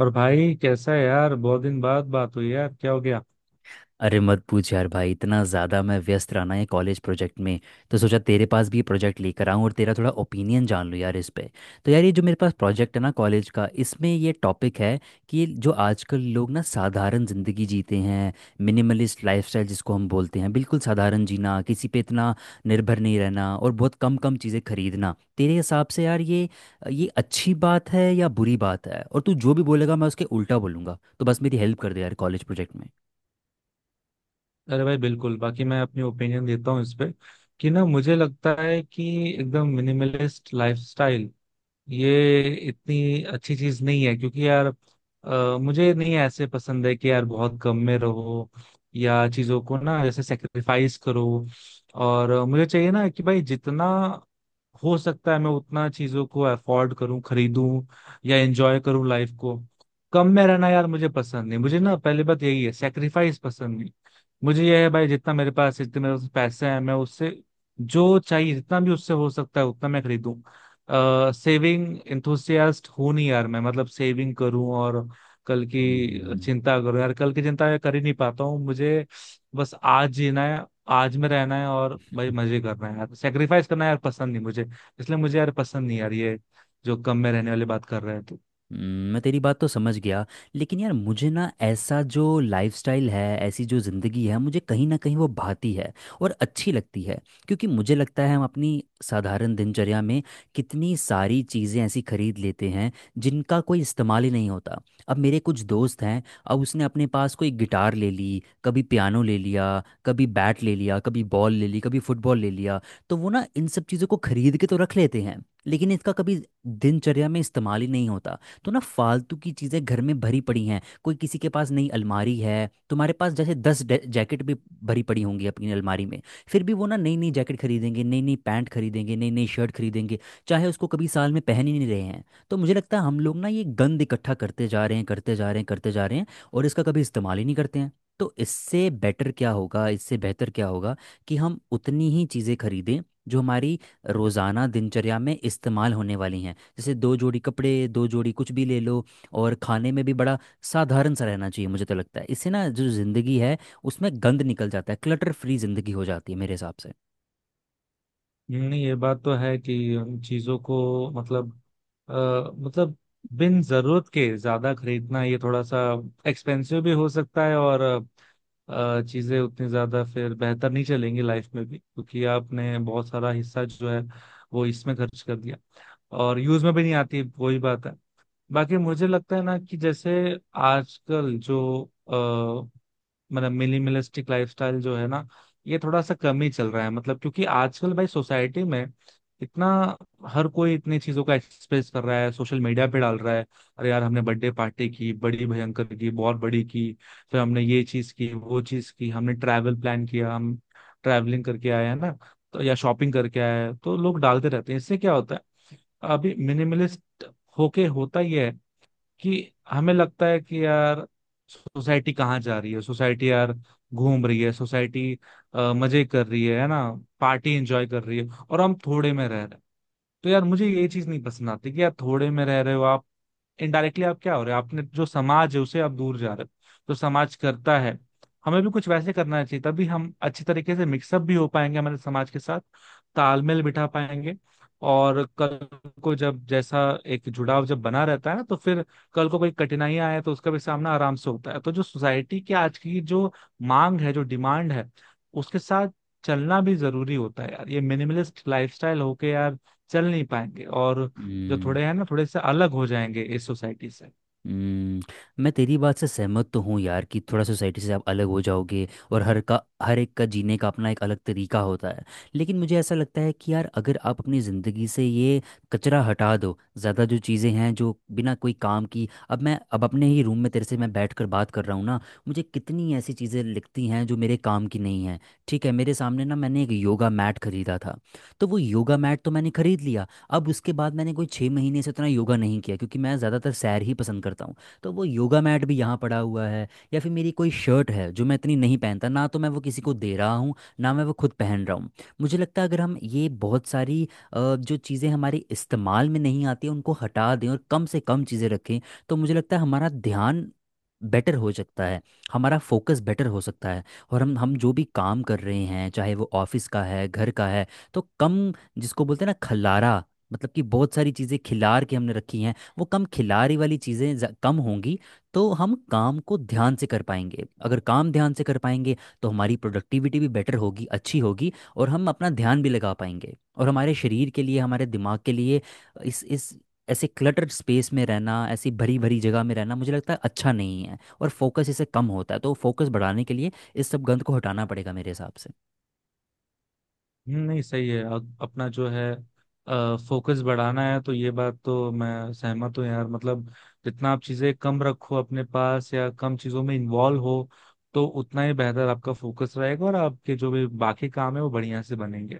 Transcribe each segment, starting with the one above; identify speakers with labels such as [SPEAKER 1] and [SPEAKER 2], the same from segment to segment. [SPEAKER 1] और भाई कैसा है यार? बहुत दिन बाद बात हुई यार, क्या हो गया?
[SPEAKER 2] अरे मत पूछ यार भाई। इतना ज़्यादा मैं व्यस्त रहा ना ये कॉलेज प्रोजेक्ट में। तो सोचा तेरे पास भी ये प्रोजेक्ट लेकर आऊँ और तेरा थोड़ा ओपिनियन जान लूँ यार इस पे। तो यार ये जो मेरे पास प्रोजेक्ट है ना कॉलेज का, इसमें ये टॉपिक है कि जो आजकल लोग ना साधारण ज़िंदगी जीते हैं। मिनिमलिस्ट लाइफस्टाइल जिसको हम बोलते हैं, बिल्कुल साधारण जीना, किसी पे इतना निर्भर नहीं रहना, और बहुत कम कम चीज़ें खरीदना। तेरे हिसाब से यार ये अच्छी बात है या बुरी बात है? और तू जो भी बोलेगा मैं उसके उल्टा बोलूँगा, तो बस मेरी हेल्प कर दे यार कॉलेज प्रोजेक्ट में।
[SPEAKER 1] अरे भाई बिल्कुल, बाकी मैं अपनी ओपिनियन देता हूँ इस पे कि ना, मुझे लगता है कि एकदम मिनिमलिस्ट लाइफस्टाइल ये इतनी अच्छी चीज नहीं है, क्योंकि यार मुझे नहीं ऐसे पसंद है कि यार बहुत गम में रहो या चीजों को ना जैसे सेक्रीफाइस करो। और मुझे चाहिए ना कि भाई जितना हो सकता है मैं उतना चीजों को अफोर्ड करूं, खरीदूं या एंजॉय करूं लाइफ को। कम में रहना यार मुझे पसंद नहीं। मुझे ना पहली बात यही है, सेक्रीफाइस पसंद नहीं। मुझे यह है भाई, जितना मेरे पास जितने मेरे पास पैसे हैं, मैं उससे जो चाहिए जितना भी उससे हो सकता है उतना मैं खरीदूं। सेविंग इंथुसियास्ट हूं नहीं यार मैं, मतलब सेविंग करूं और कल की
[SPEAKER 2] हम्म
[SPEAKER 1] चिंता करूं? यार कल की चिंता मैं कर ही नहीं पाता हूँ। मुझे बस आज जीना है, आज में रहना है, और भाई मजे करना है यार। सेक्रीफाइस करना यार पसंद नहीं मुझे। इसलिए मुझे यार पसंद नहीं यार ये जो कम में रहने वाली बात कर रहे हैं तो।
[SPEAKER 2] मैं तेरी बात तो समझ गया। लेकिन यार मुझे ना ऐसा जो लाइफस्टाइल है, ऐसी जो ज़िंदगी है, मुझे कहीं ना कहीं वो भाती है और अच्छी लगती है। क्योंकि मुझे लगता है हम अपनी साधारण दिनचर्या में कितनी सारी चीज़ें ऐसी खरीद लेते हैं जिनका कोई इस्तेमाल ही नहीं होता। अब मेरे कुछ दोस्त हैं, अब उसने अपने पास कोई गिटार ले ली, कभी पियानो ले लिया, कभी बैट ले लिया, कभी बॉल ले ली, कभी फुटबॉल ले लिया। तो वो ना इन सब चीज़ों को खरीद के तो रख लेते हैं लेकिन इसका कभी दिनचर्या में इस्तेमाल ही नहीं होता। तो ना फालतू की चीज़ें घर में भरी पड़ी हैं, कोई किसी के पास नई अलमारी है, तुम्हारे पास जैसे 10 जैकेट भी भरी पड़ी होंगी अपनी अलमारी में। फिर भी वो ना नई नई जैकेट खरीदेंगे, नई नई पैंट खरीदेंगे, नई नई शर्ट खरीदेंगे, चाहे उसको कभी साल में पहन ही नहीं रहे हैं। तो मुझे लगता है हम लोग ना ये गंद इकट्ठा करते जा रहे हैं करते जा रहे हैं करते जा रहे हैं, और इसका कभी इस्तेमाल ही नहीं करते हैं। तो इससे बेटर क्या होगा, इससे बेहतर क्या होगा कि हम उतनी ही चीज़ें खरीदें जो हमारी रोज़ाना दिनचर्या में इस्तेमाल होने वाली हैं? जैसे दो जोड़ी कपड़े, दो जोड़ी कुछ भी ले लो। और खाने में भी बड़ा साधारण सा रहना चाहिए। मुझे तो लगता है इससे ना जो ज़िंदगी है उसमें गंद निकल जाता है, क्लटर फ्री ज़िंदगी हो जाती है मेरे हिसाब से।
[SPEAKER 1] नहीं, ये बात तो है कि उन चीजों को, मतलब अ, मतलब बिन जरूरत के ज्यादा खरीदना ये थोड़ा सा एक्सपेंसिव भी हो सकता है, और चीजें उतनी ज्यादा फिर बेहतर नहीं चलेंगी लाइफ में भी, क्योंकि आपने बहुत सारा हिस्सा जो है वो इसमें खर्च कर दिया और यूज में भी नहीं आती, वही बात है। बाकी मुझे लगता है ना कि जैसे आजकल जो, मतलब मिनिमलिस्टिक लाइफस्टाइल जो है ना, ये थोड़ा सा कम ही चल रहा है, मतलब क्योंकि आजकल भाई सोसाइटी में इतना हर कोई इतनी चीजों का एक्सप्रेस कर रहा है, सोशल मीडिया पे डाल रहा है। अरे यार हमने बर्थडे पार्टी की बड़ी भयंकर की, बहुत बड़ी की, फिर हमने ये चीज की वो चीज की, हमने ट्रैवल प्लान किया, हम ट्रैवलिंग करके आए हैं ना, तो या शॉपिंग करके आए हैं, तो लोग डालते रहते हैं। इससे क्या होता है, अभी मिनिमलिस्ट होके होता ही है कि हमें लगता है कि यार सोसाइटी कहाँ जा रही है? सोसाइटी यार घूम रही है, सोसाइटी मजे कर रही है ना, पार्टी एंजॉय कर रही है, और हम थोड़े में रह रहे हैं। तो यार मुझे ये चीज नहीं पसंद आती कि यार थोड़े में रह रहे हो आप, इनडायरेक्टली आप क्या हो रहे हो, आपने जो समाज है उसे आप दूर जा रहे हो। तो समाज करता है, हमें भी कुछ वैसे करना चाहिए, तभी हम अच्छी तरीके से मिक्सअप भी हो पाएंगे हमारे समाज के साथ, तालमेल बिठा पाएंगे। और कल को जब जैसा एक जुड़ाव जब बना रहता है ना, तो फिर कल को कोई कठिनाई आए तो उसका भी सामना आराम से होता है। तो जो सोसाइटी की आज की जो मांग है, जो डिमांड है, उसके साथ चलना भी जरूरी होता है यार। ये मिनिमलिस्ट लाइफस्टाइल होके यार चल नहीं पाएंगे, और जो
[SPEAKER 2] हम्म
[SPEAKER 1] थोड़े हैं ना थोड़े से अलग हो जाएंगे इस सोसाइटी से।
[SPEAKER 2] हम्म, मैं तेरी बात से सहमत तो हूँ यार कि थोड़ा सोसाइटी से आप अलग हो जाओगे, और हर एक का जीने का अपना एक अलग तरीका होता है। लेकिन मुझे ऐसा लगता है कि यार अगर आप अपनी ज़िंदगी से ये कचरा हटा दो, ज़्यादा जो चीज़ें हैं जो बिना कोई काम की। अब मैं अब अपने ही रूम में तेरे से मैं बैठ कर बात कर रहा हूँ ना, मुझे कितनी ऐसी चीज़ें लिखती हैं जो मेरे काम की नहीं हैं। ठीक है, मेरे सामने ना मैंने एक योगा मैट खरीदा था, तो वो योगा मैट तो मैंने खरीद लिया। अब उसके बाद मैंने कोई 6 महीने से उतना योगा नहीं किया क्योंकि मैं ज़्यादातर सैर ही पसंद करता हूँ। तो वो योगा मैट भी यहाँ पड़ा हुआ है। या फिर मेरी कोई शर्ट है जो मैं इतनी नहीं पहनता ना, तो मैं वो किसी को दे रहा हूँ ना मैं वो खुद पहन रहा हूँ। मुझे लगता है अगर हम ये बहुत सारी जो चीज़ें हमारे इस्तेमाल में नहीं आती उनको हटा दें और कम से कम चीज़ें रखें, तो मुझे लगता है हमारा ध्यान बेटर हो सकता है, हमारा फोकस बेटर हो सकता है। और हम जो भी काम कर रहे हैं चाहे वो ऑफिस का है, घर का है, तो कम, जिसको बोलते हैं ना खल्लारा, मतलब कि बहुत सारी चीज़ें खिलार के हमने रखी हैं, वो कम खिलारी वाली चीज़ें कम होंगी। तो हम काम को ध्यान से कर पाएंगे, अगर काम ध्यान से कर पाएंगे तो हमारी प्रोडक्टिविटी भी बेटर होगी, अच्छी होगी, और हम अपना ध्यान भी लगा पाएंगे। और हमारे शरीर के लिए, हमारे दिमाग के लिए इस ऐसे क्लटर्ड स्पेस में रहना, ऐसी भरी भरी जगह में रहना मुझे लगता है अच्छा नहीं है, और फोकस इससे कम होता है। तो फोकस बढ़ाने के लिए इस सब गंद को हटाना पड़ेगा मेरे हिसाब से।
[SPEAKER 1] नहीं सही है। अपना जो है फोकस बढ़ाना है, तो ये बात तो मैं सहमत हूँ यार। मतलब जितना आप चीजें कम रखो अपने पास, या कम चीजों में इन्वॉल्व हो, तो उतना ही बेहतर आपका फोकस रहेगा और आपके जो भी बाकी काम है वो बढ़िया से बनेंगे।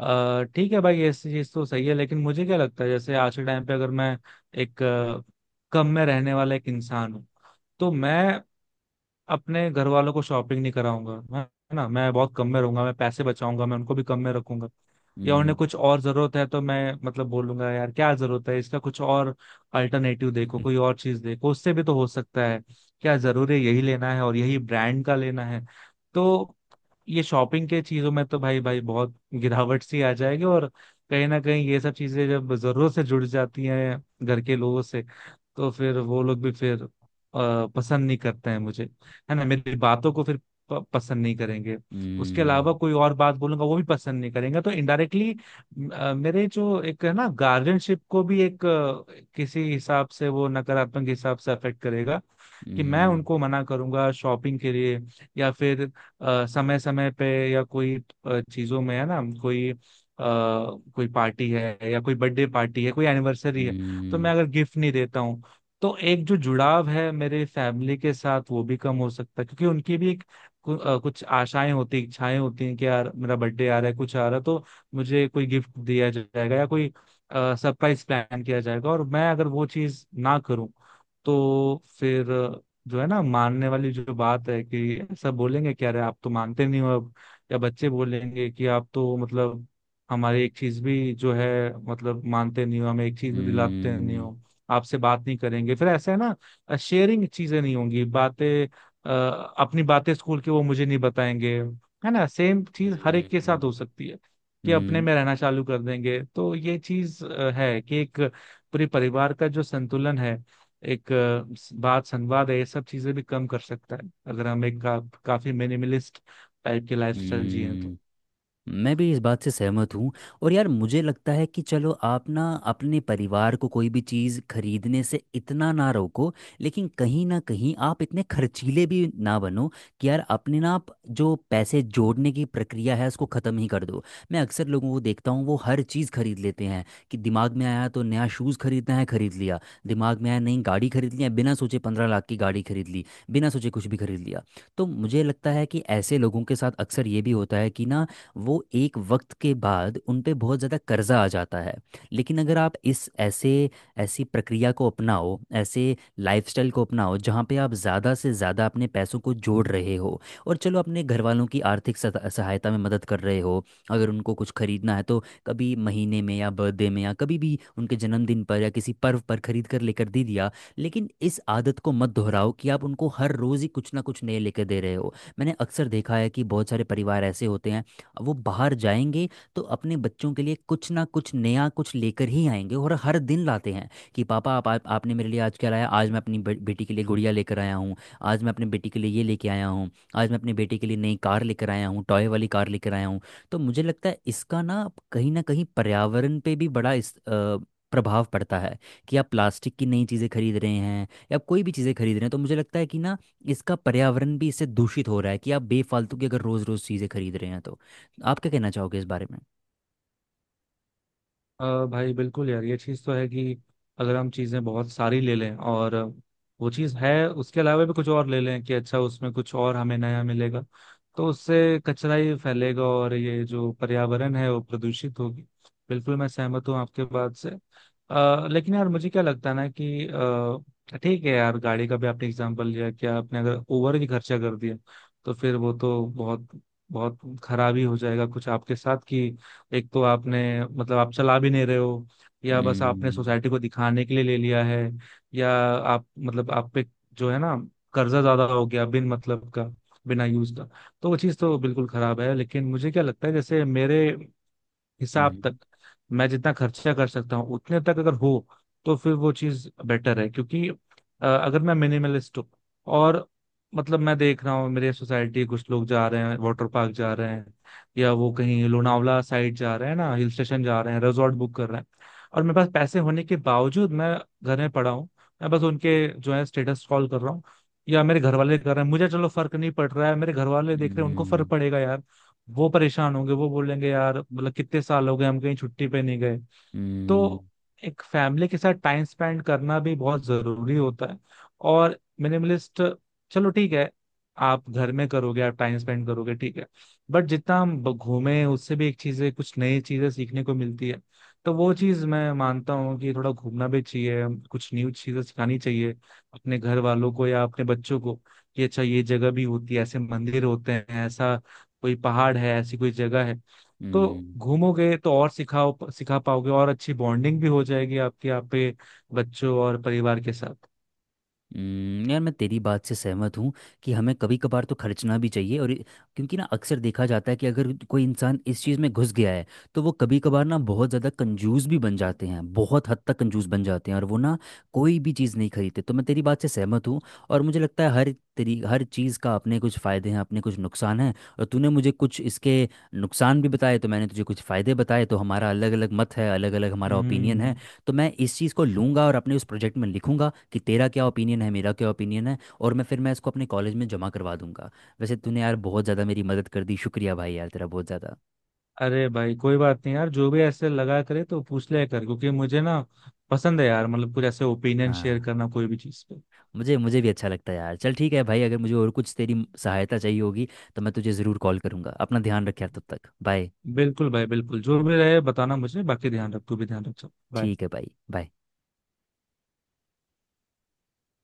[SPEAKER 1] ठीक है भाई, ऐसी चीज तो सही है, लेकिन मुझे क्या लगता है, जैसे आज के टाइम पे अगर मैं एक कम में रहने वाला एक इंसान हूँ, तो मैं अपने घर वालों को शॉपिंग नहीं कराऊंगा, है ना, मैं बहुत कम में रहूंगा, मैं पैसे बचाऊंगा, मैं उनको भी कम में रखूंगा। या
[SPEAKER 2] हम्म
[SPEAKER 1] उन्हें कुछ और जरूरत है तो मैं मतलब बोलूंगा यार क्या जरूरत है, इसका कुछ और अल्टरनेटिव देखो, कोई और चीज देखो, उससे भी तो हो सकता है, क्या जरूरी है यही लेना है और यही ब्रांड का लेना है। तो ये शॉपिंग के चीजों में तो भाई भाई बहुत गिरावट सी आ जाएगी। और कहीं ना कहीं ये सब चीजें जब जरूरत से जुड़ जाती हैं घर के लोगों से, तो फिर वो लोग भी फिर पसंद नहीं करते हैं मुझे, है ना, मेरी बातों को फिर पसंद नहीं करेंगे। उसके अलावा
[SPEAKER 2] हम्म
[SPEAKER 1] कोई और बात बोलूंगा वो भी पसंद नहीं करेंगे। तो इनडायरेक्टली मेरे जो एक है ना गार्जियनशिप को भी एक किसी हिसाब से, वो नकारात्मक हिसाब से अफेक्ट करेगा कि मैं
[SPEAKER 2] हम्म हम्म,
[SPEAKER 1] उनको मना करूंगा शॉपिंग के लिए। या फिर समय समय पे या कोई चीजों में है ना, कोई कोई पार्टी है या कोई बर्थडे पार्टी है, कोई एनिवर्सरी है, तो
[SPEAKER 2] हम्म।
[SPEAKER 1] मैं अगर गिफ्ट नहीं देता हूँ, तो एक जो जुड़ाव है मेरे फैमिली के साथ वो भी कम हो सकता है, क्योंकि उनकी भी एक कुछ आशाएं होती, इच्छाएं होती हैं कि यार मेरा बर्थडे आ रहा है, कुछ आ रहा है तो मुझे कोई गिफ्ट दिया जाएगा या कोई सरप्राइज प्लान किया जाएगा, और मैं अगर वो चीज ना करूं, तो फिर जो है ना मानने वाली जो बात है, कि ऐसा बोलेंगे क्या रे आप तो मानते नहीं हो अब, या बच्चे बोलेंगे कि आप तो मतलब हमारी एक चीज भी जो है मतलब मानते नहीं हो, हमें एक चीज भी दिलाते नहीं
[SPEAKER 2] हुआ हुआ
[SPEAKER 1] हो, आपसे बात नहीं करेंगे फिर, ऐसा है ना। शेयरिंग चीजें नहीं होंगी, बातें अ, अपनी बातें स्कूल की वो मुझे नहीं बताएंगे, है ना। सेम चीज हर
[SPEAKER 2] हुआ
[SPEAKER 1] एक के साथ हो सकती है कि
[SPEAKER 2] हुआ
[SPEAKER 1] अपने में रहना चालू कर देंगे। तो ये चीज है कि एक पूरे परिवार का जो संतुलन है, एक बात संवाद है, ये सब चीजें भी कम कर सकता है अगर हम एक काफी मिनिमलिस्ट टाइप की लाइफस्टाइल जिए तो।
[SPEAKER 2] हुआ। मैं भी इस बात से सहमत हूँ। और यार मुझे लगता है कि चलो आप ना अपने परिवार को कोई भी चीज़ खरीदने से इतना ना रोको, लेकिन कहीं ना कहीं आप इतने खर्चीले भी ना बनो कि यार अपने ना आप जो पैसे जोड़ने की प्रक्रिया है उसको ख़त्म ही कर दो। मैं अक्सर लोगों को देखता हूँ, वो हर चीज़ खरीद लेते हैं। कि दिमाग में आया तो नया शूज़ खरीदना है, खरीद लिया। दिमाग में आया नई गाड़ी खरीद लिया, बिना सोचे 15 लाख की गाड़ी खरीद ली, बिना सोचे कुछ भी खरीद लिया। तो मुझे लगता है कि ऐसे लोगों के साथ अक्सर ये भी होता है कि ना वो एक वक्त के बाद उन पे बहुत ज़्यादा कर्जा आ जाता है। लेकिन अगर आप इस ऐसे ऐसी प्रक्रिया को अपनाओ, ऐसे लाइफस्टाइल को अपनाओ जहाँ पे आप ज़्यादा से ज़्यादा अपने पैसों को जोड़ रहे हो, और चलो अपने घर वालों की आर्थिक सहायता में मदद कर रहे हो। अगर उनको कुछ खरीदना है तो कभी महीने में या बर्थडे में या कभी भी उनके जन्मदिन पर या किसी पर्व पर खरीद कर लेकर दे दिया, लेकिन इस आदत को मत दोहराओ कि आप उनको हर रोज़ ही कुछ ना कुछ नए लेकर दे रहे हो। मैंने अक्सर देखा है कि बहुत सारे परिवार ऐसे होते हैं, वो बाहर जाएंगे तो अपने बच्चों के लिए कुछ ना कुछ नया कुछ लेकर ही आएंगे, और हर दिन लाते हैं कि पापा आप आपने मेरे लिए आज क्या लाया। आज मैं अपनी बेटी के लिए गुड़िया लेकर आया हूँ। आज मैं अपने बेटी के लिए ये लेके आया हूँ। आज मैं अपने बेटे के लिए नई कार लेकर आया हूँ, टॉय वाली कार लेकर आया हूँ। तो मुझे लगता है इसका ना कहीं पर्यावरण पे भी बड़ा प्रभाव पड़ता है कि आप प्लास्टिक की नई चीज़ें खरीद रहे हैं या कोई भी चीज़ें खरीद रहे हैं, तो मुझे लगता है कि ना इसका पर्यावरण भी इससे दूषित हो रहा है कि आप बेफालतू की अगर रोज़ रोज़ चीज़ें खरीद रहे हैं तो। आप क्या कहना चाहोगे इस बारे में?
[SPEAKER 1] अ, भाई बिल्कुल यार, ये चीज़ तो है कि अगर हम चीज़ें बहुत सारी ले लें, और वो चीज़ है उसके अलावा भी कुछ और ले लें कि अच्छा उसमें कुछ और हमें नया मिलेगा, तो उससे कचरा ही फैलेगा और ये जो पर्यावरण है वो प्रदूषित होगी। बिल्कुल मैं सहमत हूँ आपके बात से। लेकिन यार मुझे क्या लगता है ना कि ठीक है यार, गाड़ी का भी आपने एग्जाम्पल लिया कि आपने अगर ओवर ही खर्चा कर दिया, तो फिर वो तो बहुत बहुत खराब ही हो जाएगा कुछ आपके साथ की, एक तो आपने मतलब आप चला भी नहीं रहे हो, या बस आपने
[SPEAKER 2] हम्म
[SPEAKER 1] सोसाइटी को दिखाने के लिए ले लिया है, या आप मतलब आप पे जो है ना कर्जा ज्यादा हो गया बिन मतलब का, बिना यूज का, तो वो चीज़ तो बिल्कुल खराब है। लेकिन मुझे क्या लगता है जैसे मेरे हिसाब तक
[SPEAKER 2] हम्म
[SPEAKER 1] मैं जितना खर्चा कर सकता हूँ उतने तक अगर हो, तो फिर वो चीज बेटर है। क्योंकि अगर मैं मिनिमलिस्ट हूँ और मतलब मैं देख रहा हूँ मेरे सोसाइटी कुछ लोग जा रहे हैं, वाटर पार्क जा रहे हैं, या वो कहीं लोनावला साइड जा रहे हैं ना, हिल स्टेशन जा रहे हैं, रिजॉर्ट बुक कर रहे हैं, और मेरे पास पैसे होने के बावजूद मैं घर में पड़ा हूँ, मैं बस उनके जो है स्टेटस स्क्रॉल कर रहा हूँ, या मेरे घर वाले कर रहे हैं, मुझे चलो फर्क नहीं पड़ रहा है, मेरे घर वाले देख
[SPEAKER 2] हम्म
[SPEAKER 1] रहे हैं, उनको फर्क
[SPEAKER 2] हम्म
[SPEAKER 1] पड़ेगा यार। वो परेशान होंगे, वो बोलेंगे यार, मतलब कितने साल हो गए हम कहीं छुट्टी पे नहीं गए।
[SPEAKER 2] हम्म,
[SPEAKER 1] तो एक फैमिली के साथ टाइम स्पेंड करना भी बहुत जरूरी होता है। और मिनिमलिस्ट, चलो ठीक है, आप घर में करोगे, आप टाइम स्पेंड करोगे, ठीक है, बट जितना हम घूमे उससे भी एक चीजें, कुछ नई चीजें सीखने को मिलती है। तो वो चीज मैं मानता हूँ कि थोड़ा घूमना भी चाहिए, कुछ न्यू चीजें सिखानी चाहिए अपने घर वालों को या अपने बच्चों को, कि अच्छा ये जगह भी होती है, ऐसे मंदिर होते हैं, ऐसा कोई पहाड़ है, ऐसी कोई जगह है। तो
[SPEAKER 2] हम्म,
[SPEAKER 1] घूमोगे तो और सिखाओ, सिखा पाओगे, और अच्छी बॉन्डिंग भी हो जाएगी आपकी, आप पे बच्चों और परिवार के साथ।
[SPEAKER 2] यार मैं तेरी बात से सहमत हूँ कि हमें कभी कभार तो खर्चना भी चाहिए और क्योंकि ना अक्सर देखा जाता है कि अगर कोई इंसान इस चीज़ में घुस गया है तो वो कभी कभार ना बहुत ज़्यादा कंजूस भी बन जाते हैं, बहुत हद तक कंजूस बन जाते हैं, और वो ना कोई भी चीज़ नहीं खरीदते। तो मैं तेरी बात से सहमत हूँ। और मुझे लगता है हर चीज़ का अपने कुछ फ़ायदे हैं, अपने कुछ नुकसान हैं, और तूने मुझे कुछ इसके नुकसान भी बताए, तो मैंने तुझे कुछ फ़ायदे बताए, तो हमारा अलग अलग मत है, अलग अलग हमारा ओपिनियन है।
[SPEAKER 1] हम्म।
[SPEAKER 2] तो मैं इस चीज़ को लूंगा और अपने उस प्रोजेक्ट में लिखूंगा कि तेरा क्या ओपिनियन है, मेरा क्या ओपिनियन है, और मैं फिर मैं इसको अपने कॉलेज में जमा करवा दूंगा। वैसे तूने यार बहुत ज़्यादा मेरी मदद कर दी, शुक्रिया भाई यार तेरा, बहुत ज़्यादा।
[SPEAKER 1] अरे भाई कोई बात नहीं यार, जो भी ऐसे लगा करे तो पूछ लिया कर, क्योंकि मुझे ना पसंद है यार, मतलब कुछ ऐसे ओपिनियन शेयर
[SPEAKER 2] हाँ,
[SPEAKER 1] करना कोई भी चीज पे।
[SPEAKER 2] मुझे मुझे भी अच्छा लगता है यार। चल ठीक है भाई, अगर मुझे और कुछ तेरी सहायता चाहिए होगी तो मैं तुझे ज़रूर कॉल करूंगा। अपना ध्यान रख यार, तब तक बाय।
[SPEAKER 1] बिल्कुल भाई, बिल्कुल, जो भी रहे बताना मुझे, बाकी ध्यान रख, तू भी ध्यान रख, चल बाय।
[SPEAKER 2] ठीक है भाई, बाय।